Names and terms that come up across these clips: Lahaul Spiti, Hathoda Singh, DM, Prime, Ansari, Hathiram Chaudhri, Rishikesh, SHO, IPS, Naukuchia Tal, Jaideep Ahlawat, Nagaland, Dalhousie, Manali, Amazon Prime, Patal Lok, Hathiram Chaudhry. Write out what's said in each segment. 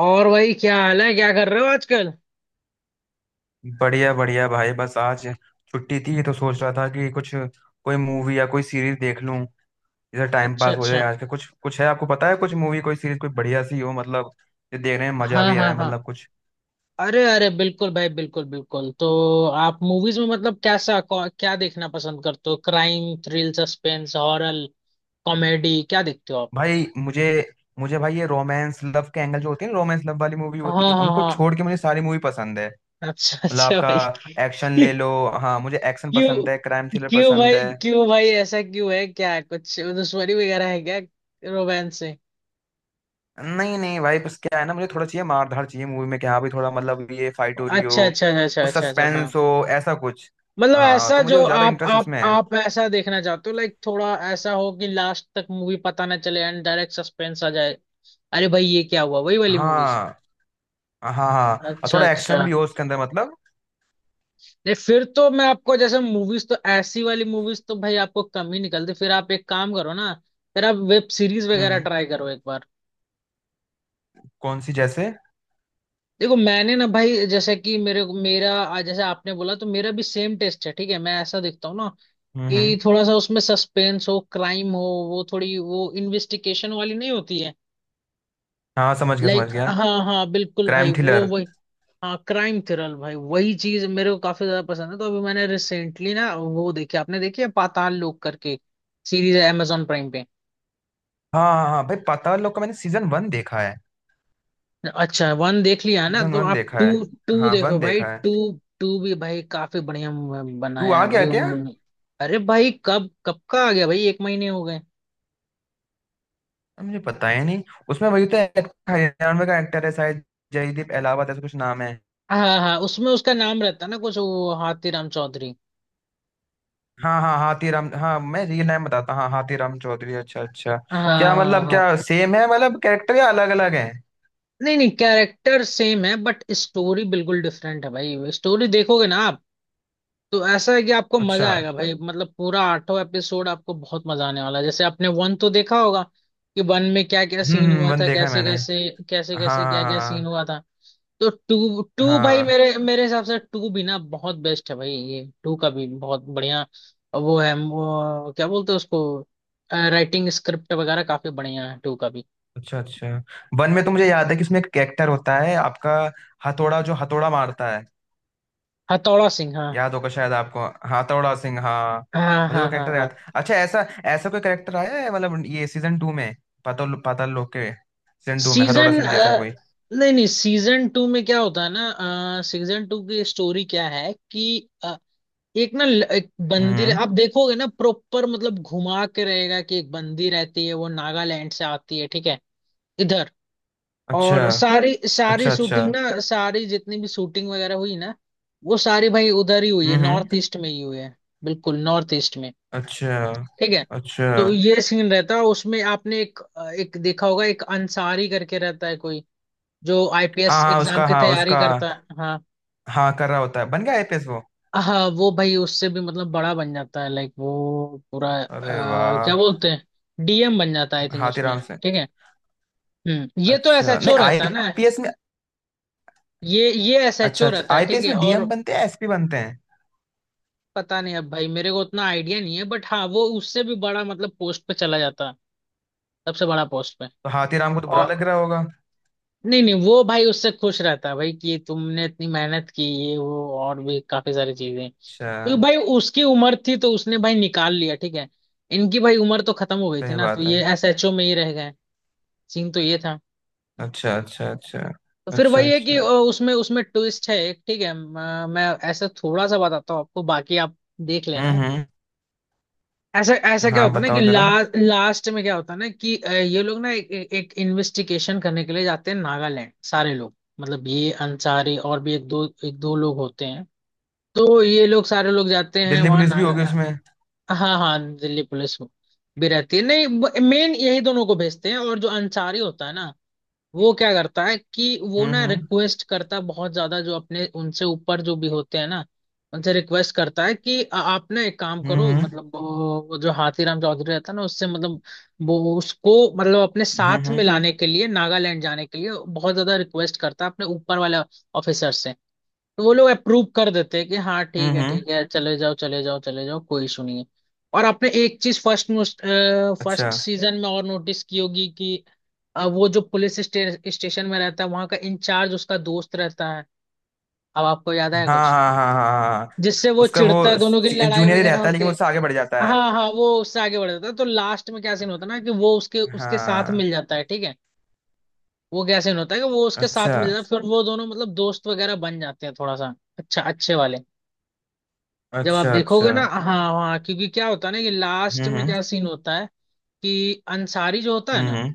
और भाई, क्या हाल है? क्या कर रहे हो आजकल? बढ़िया बढ़िया भाई। बस आज छुट्टी थी तो सोच रहा था कि कुछ कोई मूवी या कोई सीरीज देख लूं, इधर टाइम अच्छा पास हो जाए अच्छा। आज का। कुछ कुछ है आपको पता है? कुछ मूवी कोई सीरीज कोई बढ़िया सी हो मतलब, जो देखने में मजा हाँ भी हाँ आए, हाँ। मतलब कुछ। अरे अरे, बिल्कुल भाई, बिल्कुल बिल्कुल तो आप मूवीज में मतलब कैसा क्या देखना पसंद करते हो? Crime, thrill, suspense, horror, comedy, क्या देखते हो आप? भाई मुझे मुझे भाई ये रोमांस लव के एंगल जो होती है ना, रोमांस लव वाली मूवी हाँ होती है हाँ उनको हाँ। छोड़ के मुझे सारी मूवी पसंद है। अच्छा मतलब अच्छा भाई, आपका एक्शन क्यों? ले लो। हाँ मुझे एक्शन पसंद है, क्राइम क्यों थ्रिलर क्यों पसंद भाई, है। क्यों भाई, ऐसा क्यों है? क्या कुछ दुश्मनी वगैरह है क्या? रोमांस से? नहीं नहीं भाई, बस क्या है ना, मुझे थोड़ा चाहिए, मार धाड़ चाहिए मूवी में कि हाँ भाई थोड़ा मतलब ये फाइट हो रही अच्छा अच्छा हो, अच्छा अच्छा कुछ अच्छा अच्छा, हाँ। सस्पेंस हो, ऐसा कुछ। मतलब हाँ ऐसा तो जो मुझे ज्यादा आप इंटरेस्ट आप उसमें है। आप ऐसा देखना चाहते हो, लाइक थोड़ा ऐसा हो कि लास्ट तक मूवी पता ना चले, एंड डायरेक्ट सस्पेंस आ जाए। अरे भाई, ये क्या हुआ? वही वाली मूवीज। हाँ हाँ हाँ। और अच्छा थोड़ा अच्छा। एक्शन भी हो उसके अंदर मतलब। नहीं, फिर तो मैं आपको, जैसे मूवीज तो ऐसी वाली मूवीज तो भाई आपको कम ही निकलती। फिर आप एक काम करो ना, फिर आप वेब सीरीज हम्म वगैरह हम्म। ट्राई करो एक बार। कौन सी जैसे? देखो, मैंने ना भाई जैसे कि मेरे मेरा जैसे आपने बोला, तो मेरा भी सेम टेस्ट है, ठीक है? मैं ऐसा देखता हूँ ना हम्म हम्म। कि थोड़ा सा उसमें सस्पेंस हो, क्राइम हो। वो थोड़ी वो इन्वेस्टिगेशन वाली नहीं होती है। हाँ समझ गया समझ लाइक गया। हाँ हाँ बिल्कुल भाई, क्राइम वो थ्रिलर। वही। हाँ, क्राइम थ्रिलर भाई, वही चीज मेरे को काफी ज्यादा पसंद है। तो अभी मैंने रिसेंटली ना वो देखी, आपने देखी है पाताल लोक करके? सीरीज है amazon प्राइम पे। हाँ हाँ हाँ भाई, पाताल लोक का मैंने सीजन 1 देखा है। अच्छा, वन देख लिया ना, सीजन तो वन आप देखा टू, है। टू हाँ, देखो 1 भाई, देखा है। टू। टू भी भाई काफी बढ़िया तू बनाया आ है भाई गया क्या? उन्होंने। अरे भाई, कब कब का आ गया भाई, 1 महीने हो गए। मुझे पता ही नहीं। उसमें वही तो एक्टर, हरियाणवी का एक्टर है शायद, जयदीप अहलावत ऐसा कुछ नाम है। हाँ हाँ हाँ, उसमें उसका नाम रहता है ना कुछ वो, हाथीराम चौधरी। हाँ हाँ हाथीराम, हाँ मैं रियल नाम बताता, हाँ हाथीराम चौधरी। अच्छा अच्छा। हाँ हाँ क्या हाँ मतलब, हाँ। क्या सेम है मतलब कैरेक्टर या अलग अलग है? नहीं नहीं, कैरेक्टर सेम है बट स्टोरी बिल्कुल डिफरेंट है भाई। स्टोरी देखोगे ना आप, तो ऐसा है कि आपको अच्छा। मजा आएगा भाई, मतलब पूरा आठों एपिसोड आपको बहुत मजा आने वाला है। जैसे आपने वन तो देखा होगा कि वन में क्या क्या सीन हुआ वन था, देखा है कैसे मैंने। कैसे, कैसे हाँ कैसे हाँ क्या क्या सीन हाँ हुआ था। तो टू, भाई हाँ। मेरे मेरे हिसाब से टू भी ना बहुत बेस्ट है भाई, ये टू का भी बहुत बढ़िया वो है वो, क्या बोलते हैं उसको? राइटिंग स्क्रिप्ट वगैरह काफी बढ़िया है टू का भी। अच्छा अच्छा। वन में तो मुझे याद है कि इसमें एक कैरेक्टर होता है आपका, हथौड़ा, जो हथौड़ा मारता है। हथौड़ा सिंह, हाँ। याद होगा शायद आपको, हथौड़ा सिंह हाँ। हाँ मुझे वो हाँ हाँ कैरेक्टर हाँ। याद। अच्छा, ऐसा ऐसा कोई कैरेक्टर आया है मतलब ये सीजन 2 में? पाताल पाताल लोक के सीजन 2 में हथौड़ा सीजन, सिंह जैसा कोई? नहीं नहीं सीजन टू में क्या होता है ना, सीजन टू की स्टोरी क्या है कि एक ना एक बंदी हम्म। आप देखोगे ना प्रॉपर, मतलब घुमा के रहेगा कि एक बंदी रहती है, वो नागालैंड से आती है, ठीक है? इधर। अच्छा और सारी सारी अच्छा अच्छा। शूटिंग ना, सारी जितनी भी शूटिंग वगैरह हुई ना, वो सारी भाई उधर ही हुई है, नॉर्थ हम्म। ईस्ट में ही हुई है। बिल्कुल नॉर्थ ईस्ट में। अच्छा ठीक है। अच्छा। तो ये सीन रहता है उसमें, आपने एक एक देखा होगा, एक अंसारी करके रहता है कोई जो हाँ आईपीएस हाँ एग्जाम उसका, की हाँ तैयारी उसका। करता है, हाँ। हाँ कर रहा होता है, बन गया आईपीएस वो। हाँ, वो भाई उससे भी मतलब बड़ा बन जाता है लाइक, वो पूरा अरे क्या वाह। बोलते हैं, डीएम बन जाता है आई थिंक उसमें। हाथीराम से? ठीक है। ये तो अच्छा, नहीं एसएचओ रहता है ना? आईपीएस में? ये अच्छा एसएचओ अच्छा, रहता है ठीक आईपीएस है। में डीएम और बनते हैं, एसपी बनते हैं। पता नहीं, अब भाई मेरे को उतना आइडिया नहीं है, बट हाँ वो उससे भी बड़ा मतलब पोस्ट पे चला जाता है, सबसे बड़ा पोस्ट पे। तो हाथीराम को तो बुरा और लग रहा होगा। नहीं नहीं, वो भाई उससे खुश रहता है भाई कि तुमने इतनी मेहनत की, ये वो और भी काफी सारी चीजें, क्योंकि अच्छा। भाई उसकी उम्र थी तो उसने भाई निकाल लिया, ठीक है? इनकी भाई उम्र तो खत्म हो गई थी सही ना, तो बात है। ये एसएचओ में ही रह गए। सीन तो ये था। अच्छा अच्छा अच्छा तो फिर अच्छा वही है कि अच्छा। उसमें उसमें ट्विस्ट है एक, ठीक है, मैं ऐसा थोड़ा सा बताता हूँ आपको, बाकी आप देख लेना। हम्म। ऐसा ऐसा क्या हाँ होता है ना कि बताओ जरा। लास्ट में क्या होता है ना कि ये लोग ना एक इन्वेस्टिगेशन करने के लिए जाते हैं नागालैंड, सारे लोग, मतलब ये अंसारी और भी एक दो लोग होते हैं। तो ये लोग सारे लोग जाते हैं दिल्ली वहाँ पुलिस भी होगी नागा, उसमें? हाँ हाँ दिल्ली पुलिस भी रहती है नहीं, मेन यही दोनों को भेजते हैं। और जो अंसारी होता है ना, वो क्या करता है कि वो हम्म ना हम्म रिक्वेस्ट करता है बहुत ज्यादा, जो अपने उनसे ऊपर जो भी होते हैं ना, उनसे रिक्वेस्ट करता है कि आप ना एक काम करो, हम्म मतलब वो जो हाथीराम चौधरी रहता है ना उससे, मतलब वो उसको मतलब अपने हम्म हम्म साथ में हम्म लाने के लिए, नागालैंड जाने के लिए बहुत ज्यादा रिक्वेस्ट करता है अपने ऊपर वाले ऑफिसर से। तो वो लोग अप्रूव कर देते हैं कि हाँ ठीक हम्म, है हम्म। ठीक है, चले जाओ चले जाओ चले जाओ, कोई इशू नहीं है। और आपने एक चीज फर्स्ट फर्स्ट अच्छा। सीजन में और नोटिस की होगी कि वो जो पुलिस स्टेशन में रहता है, वहां का इंचार्ज उसका दोस्त रहता है। अब आपको याद आया हाँ कुछ? हाँ हाँ हाँ हाँ हाँ। जिससे वो उसका वो चिढ़ता है, दोनों की लड़ाई जूनियर ही वगैरह रहता है, लेकिन होती वो है। उससे आगे बढ़ जाता है। हाँ हाँ, वो उससे आगे बढ़ जाता है, तो लास्ट में क्या सीन होता है ना कि वो उसके उसके साथ हाँ। मिल जाता है, ठीक है। वो क्या सीन होता है कि वो उसके अच्छा साथ मिल जाता है, फिर वो दोनों मतलब दोस्त वगैरह बन जाते हैं थोड़ा सा, अच्छा, अच्छे वाले। जब आप अच्छा देखोगे अच्छा। ना, हाँ। हाँ, क्योंकि क्या होता है ना कि लास्ट हम्म में हम्म क्या सीन होता है कि अंसारी जो होता है ना, हम्म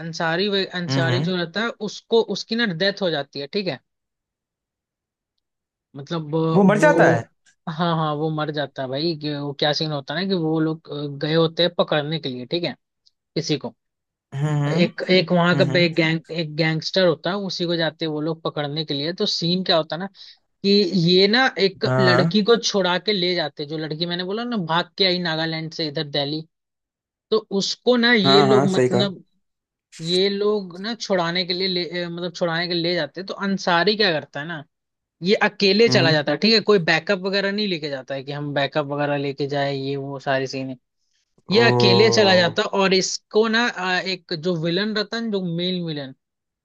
अंसारी हम्म। जो रहता है, उसको उसकी ना डेथ हो जाती है, ठीक है? मतलब वो मर जाता है। वो, हाँ हाँ वो मर जाता है भाई, कि वो क्या सीन होता है ना कि वो लोग गए होते हैं पकड़ने के लिए, ठीक है, किसी को। हम्म हम्म एक एक वहां का हम्म हम्म। गैंग एक गैंगस्टर होता है, उसी को जाते हैं वो लोग पकड़ने के लिए। तो सीन क्या होता है ना कि ये ना एक हाँ लड़की को छुड़ा के ले जाते, जो लड़की मैंने बोला ना भाग के आई नागालैंड से इधर दिल्ली, तो उसको ना ये हाँ हाँ लोग हाँ, सही कहा। मतलब, ये लोग ना छुड़ाने के लिए मतलब छुड़ाने के लिए ले जाते हैं। तो अंसारी क्या करता है ना, ये अकेले चला हम्म। जाता है, ठीक है, कोई बैकअप वगैरह नहीं लेके जाता है, कि हम बैकअप वगैरह लेके जाए ये वो सारी सीन। ये अकेले ओ। चला जाता है और इसको ना एक जो विलन रतन, जो मेल विलन,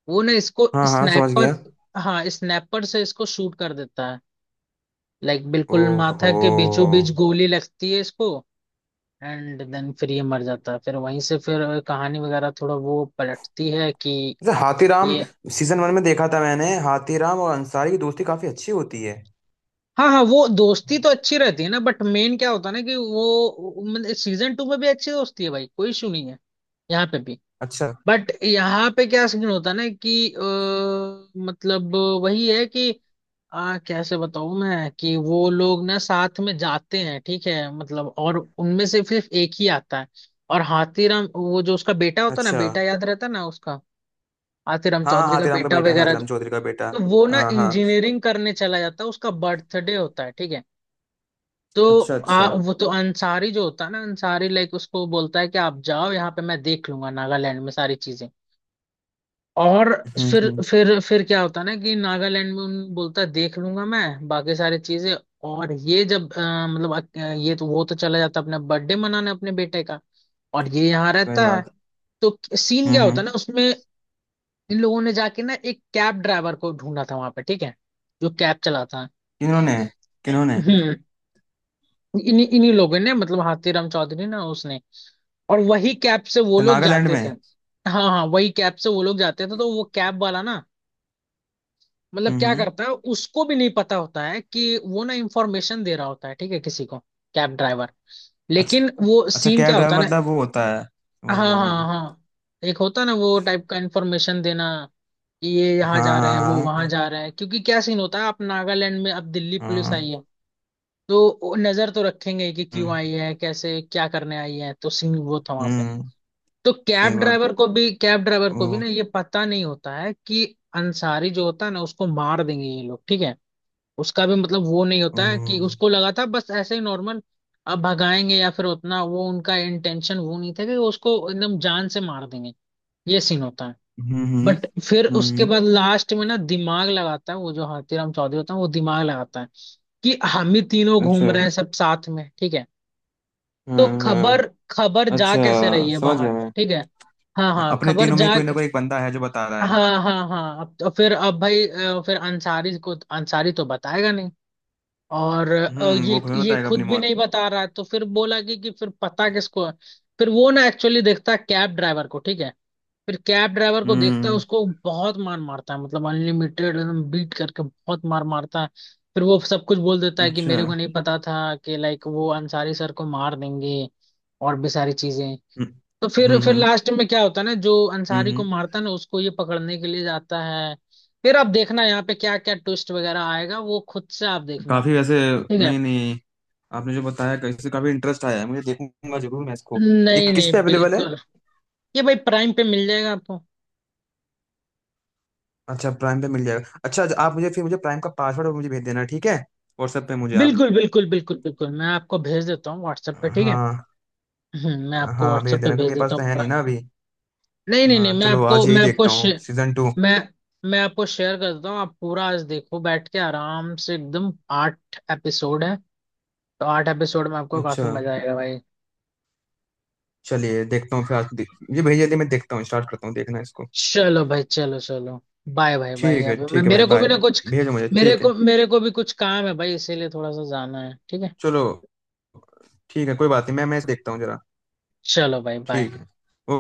वो ना इसको हाँ हाँ समझ स्नाइपर, गया। हाँ स्नाइपर से इसको शूट कर देता है, लाइक बिल्कुल माथा ओहो। के बीचों बीच गोली लगती है इसको। एंड देन फिर ये मर जाता है, फिर वहीं से फिर कहानी वगैरह थोड़ा वो पलटती है कि जैसे हाथीराम ये, सीजन 1 में देखा था मैंने, हाथीराम और अंसारी की दोस्ती काफी अच्छी होती है। हाँ हाँ वो दोस्ती तो अच्छी रहती है ना, बट मेन क्या होता है ना कि वो सीजन टू में भी अच्छी दोस्ती है भाई, कोई इशू नहीं है, यहाँ पे भी। अच्छा बट यहाँ पे क्या सीन होता है ना कि मतलब वही है कि कैसे बताऊँ मैं कि वो लोग ना साथ में जाते हैं ठीक है, मतलब, और उनमें से सिर्फ एक ही आता है। और हाथीराम, वो जो उसका बेटा होता है ना, अच्छा। बेटा याद रहता है ना उसका? आतिराम हाँ हाँ चौधरी का हाथीराम का बेटा बेटा, वगैरह हाथीराम चौधरी का बेटा। तो वो ना हाँ हाँ। इंजीनियरिंग करने चला जाता है, उसका बर्थडे होता है, ठीक है। तो अच्छा अच्छा। वो तो अंसारी जो होता है ना अंसारी, लाइक उसको बोलता है कि आप जाओ यहाँ पे, मैं देख लूंगा नागालैंड में सारी चीजें। और फिर हम्म। फिर फिर क्या होता है ना कि नागालैंड में उन बोलता है देख लूंगा मैं बाकी सारी चीजें। और ये जब मतलब ये तो वो तो चला जाता है अपना बर्थडे मनाने, अपने बेटे का, और ये यहाँ सही रहता है। बात। तो सीन क्या होता है हम्म। ना उसमें, इन लोगों ने जाके ना एक कैब ड्राइवर को ढूंढा था वहां पे, ठीक है, जो कैब चलाता है। किन्होंने? किन्होंने? हम्म, इन्हीं इन्हीं लोगों ने, मतलब हाथीराम चौधरी ना उसने, और वही कैब से वो अच्छा, लोग नागालैंड जाते में। थे। हाँ हाँ, वही कैब से वो लोग जाते थे, तो वो कैब वाला ना, मतलब क्या हम्म। करता है, उसको भी नहीं पता होता है कि वो ना इंफॉर्मेशन दे रहा होता है ठीक है किसी को, कैब ड्राइवर, अच्छा लेकिन वो अच्छा, सीन कैब क्या होता ड्राइवर है ना, मतलब वो होता है, हाँ समझ गया हाँ मैं। हाँ हाँ, एक होता है ना वो टाइप का इंफॉर्मेशन देना कि ये यहाँ जा रहे हैं, हाँ वो वहां हाँ जा रहे हैं, क्योंकि क्या सीन होता है, आप नागालैंड में अब दिल्ली हाँ पुलिस हाँ, आई है, तो वो नजर तो रखेंगे कि क्यों हम्म आई है, कैसे क्या करने आई है, तो सीन वो था वहां पे। हम्म, तो सही बात। कैब ड्राइवर को भी ओ, ना ये पता नहीं होता है कि अंसारी जो होता है ना, उसको मार देंगे ये लोग, ठीक है। उसका भी मतलब वो नहीं ओ, होता है, कि उसको लगा था बस ऐसे ही नॉर्मल अब भगाएंगे, या फिर उतना वो उनका इंटेंशन वो नहीं था कि उसको एकदम जान से मार देंगे। ये सीन होता है। हम्म बट फिर उसके हम्म, बाद लास्ट में ना दिमाग लगाता है वो जो हाथीराम चौधरी होता है, वो दिमाग लगाता है कि हम ही तीनों अच्छा। घूम रहे हैं सब साथ में, ठीक है, तो हाँ हाँ। खबर खबर जा अच्छा, कैसे रही है समझ बाहर, गया मैं। ठीक है, हाँ हाँ अपने खबर तीनों में जा, कोई ना कोई एक बंदा है जो बता रहा है। हाँ हाँ हाँ अब तो फिर अब भाई फिर अंसारी तो बताएगा नहीं, और हम्म, वो ये खुद ये बताएगा अपनी खुद भी मौत। नहीं बता रहा है, तो फिर बोला कि फिर पता किसको है। फिर वो ना एक्चुअली देखता है कैब ड्राइवर को, ठीक है, फिर कैब ड्राइवर को देखता है, हम्म। उसको बहुत मार मारता है, मतलब अनलिमिटेड, एकदम बीट करके बहुत मार मारता है। फिर वो सब कुछ बोल देता है कि अच्छा। मेरे को नहीं पता था कि लाइक वो अंसारी सर को मार देंगे, और भी सारी चीजें। हम्म तो फिर हम्म फिर हम्म लास्ट में क्या होता है ना, जो अंसारी को हम्म। मारता है ना, उसको ये पकड़ने के लिए जाता है। फिर आप देखना यहाँ पे क्या क्या ट्विस्ट वगैरह आएगा, वो खुद से आप देखना, काफी वैसे। ठीक है। नहीं नहीं, आपने जो बताया कैसे, काफी इंटरेस्ट आया है मुझे, देखूंगा जरूर मैं इसको। ये नहीं किस पे नहीं, अवेलेबल है? बिल्कुल। ये भाई प्राइम पे मिल जाएगा आपको। अच्छा प्राइम पे मिल जाएगा, अच्छा अच्छा, आप मुझे फिर मुझे प्राइम का पासवर्ड मुझे भेज देना ठीक है, व्हाट्सएप पे मुझे आप। बिल्कुल बिल्कुल बिल्कुल बिल्कुल, मैं आपको भेज देता हूँ व्हाट्सएप पे, ठीक है। हाँ। मैं आपको हाँ भेज व्हाट्सएप पे देना क्योंकि भेज मेरे पास देता तो हूँ है नहीं प्राइम। ना अभी। नहीं नहीं नहीं, हाँ चलो आज यही मैं आपको देखता हूँ सीजन 2। मैं मैं आपको शेयर करता हूँ, आप पूरा आज देखो बैठ के आराम से, एकदम 8 एपिसोड है, तो 8 एपिसोड में आपको काफी अच्छा। मजा आएगा भाई। चलिए देखता हूँ फिर आज ये भेज दिया, मैं देखता हूँ, स्टार्ट करता हूँ, देखना इसको। चलो भाई चलो चलो, बाय भाई बाय, अभी मैं ठीक है भाई मेरे को भी बाय। ना कुछ, भेजो मुझे मेरे ठीक है। को मेरे को भी कुछ काम है भाई, इसीलिए थोड़ा सा जाना है, ठीक है। चलो। ठीक है, कोई बात नहीं, मैं मैच देखता हूँ जरा। चलो भाई बाय। ठीक है।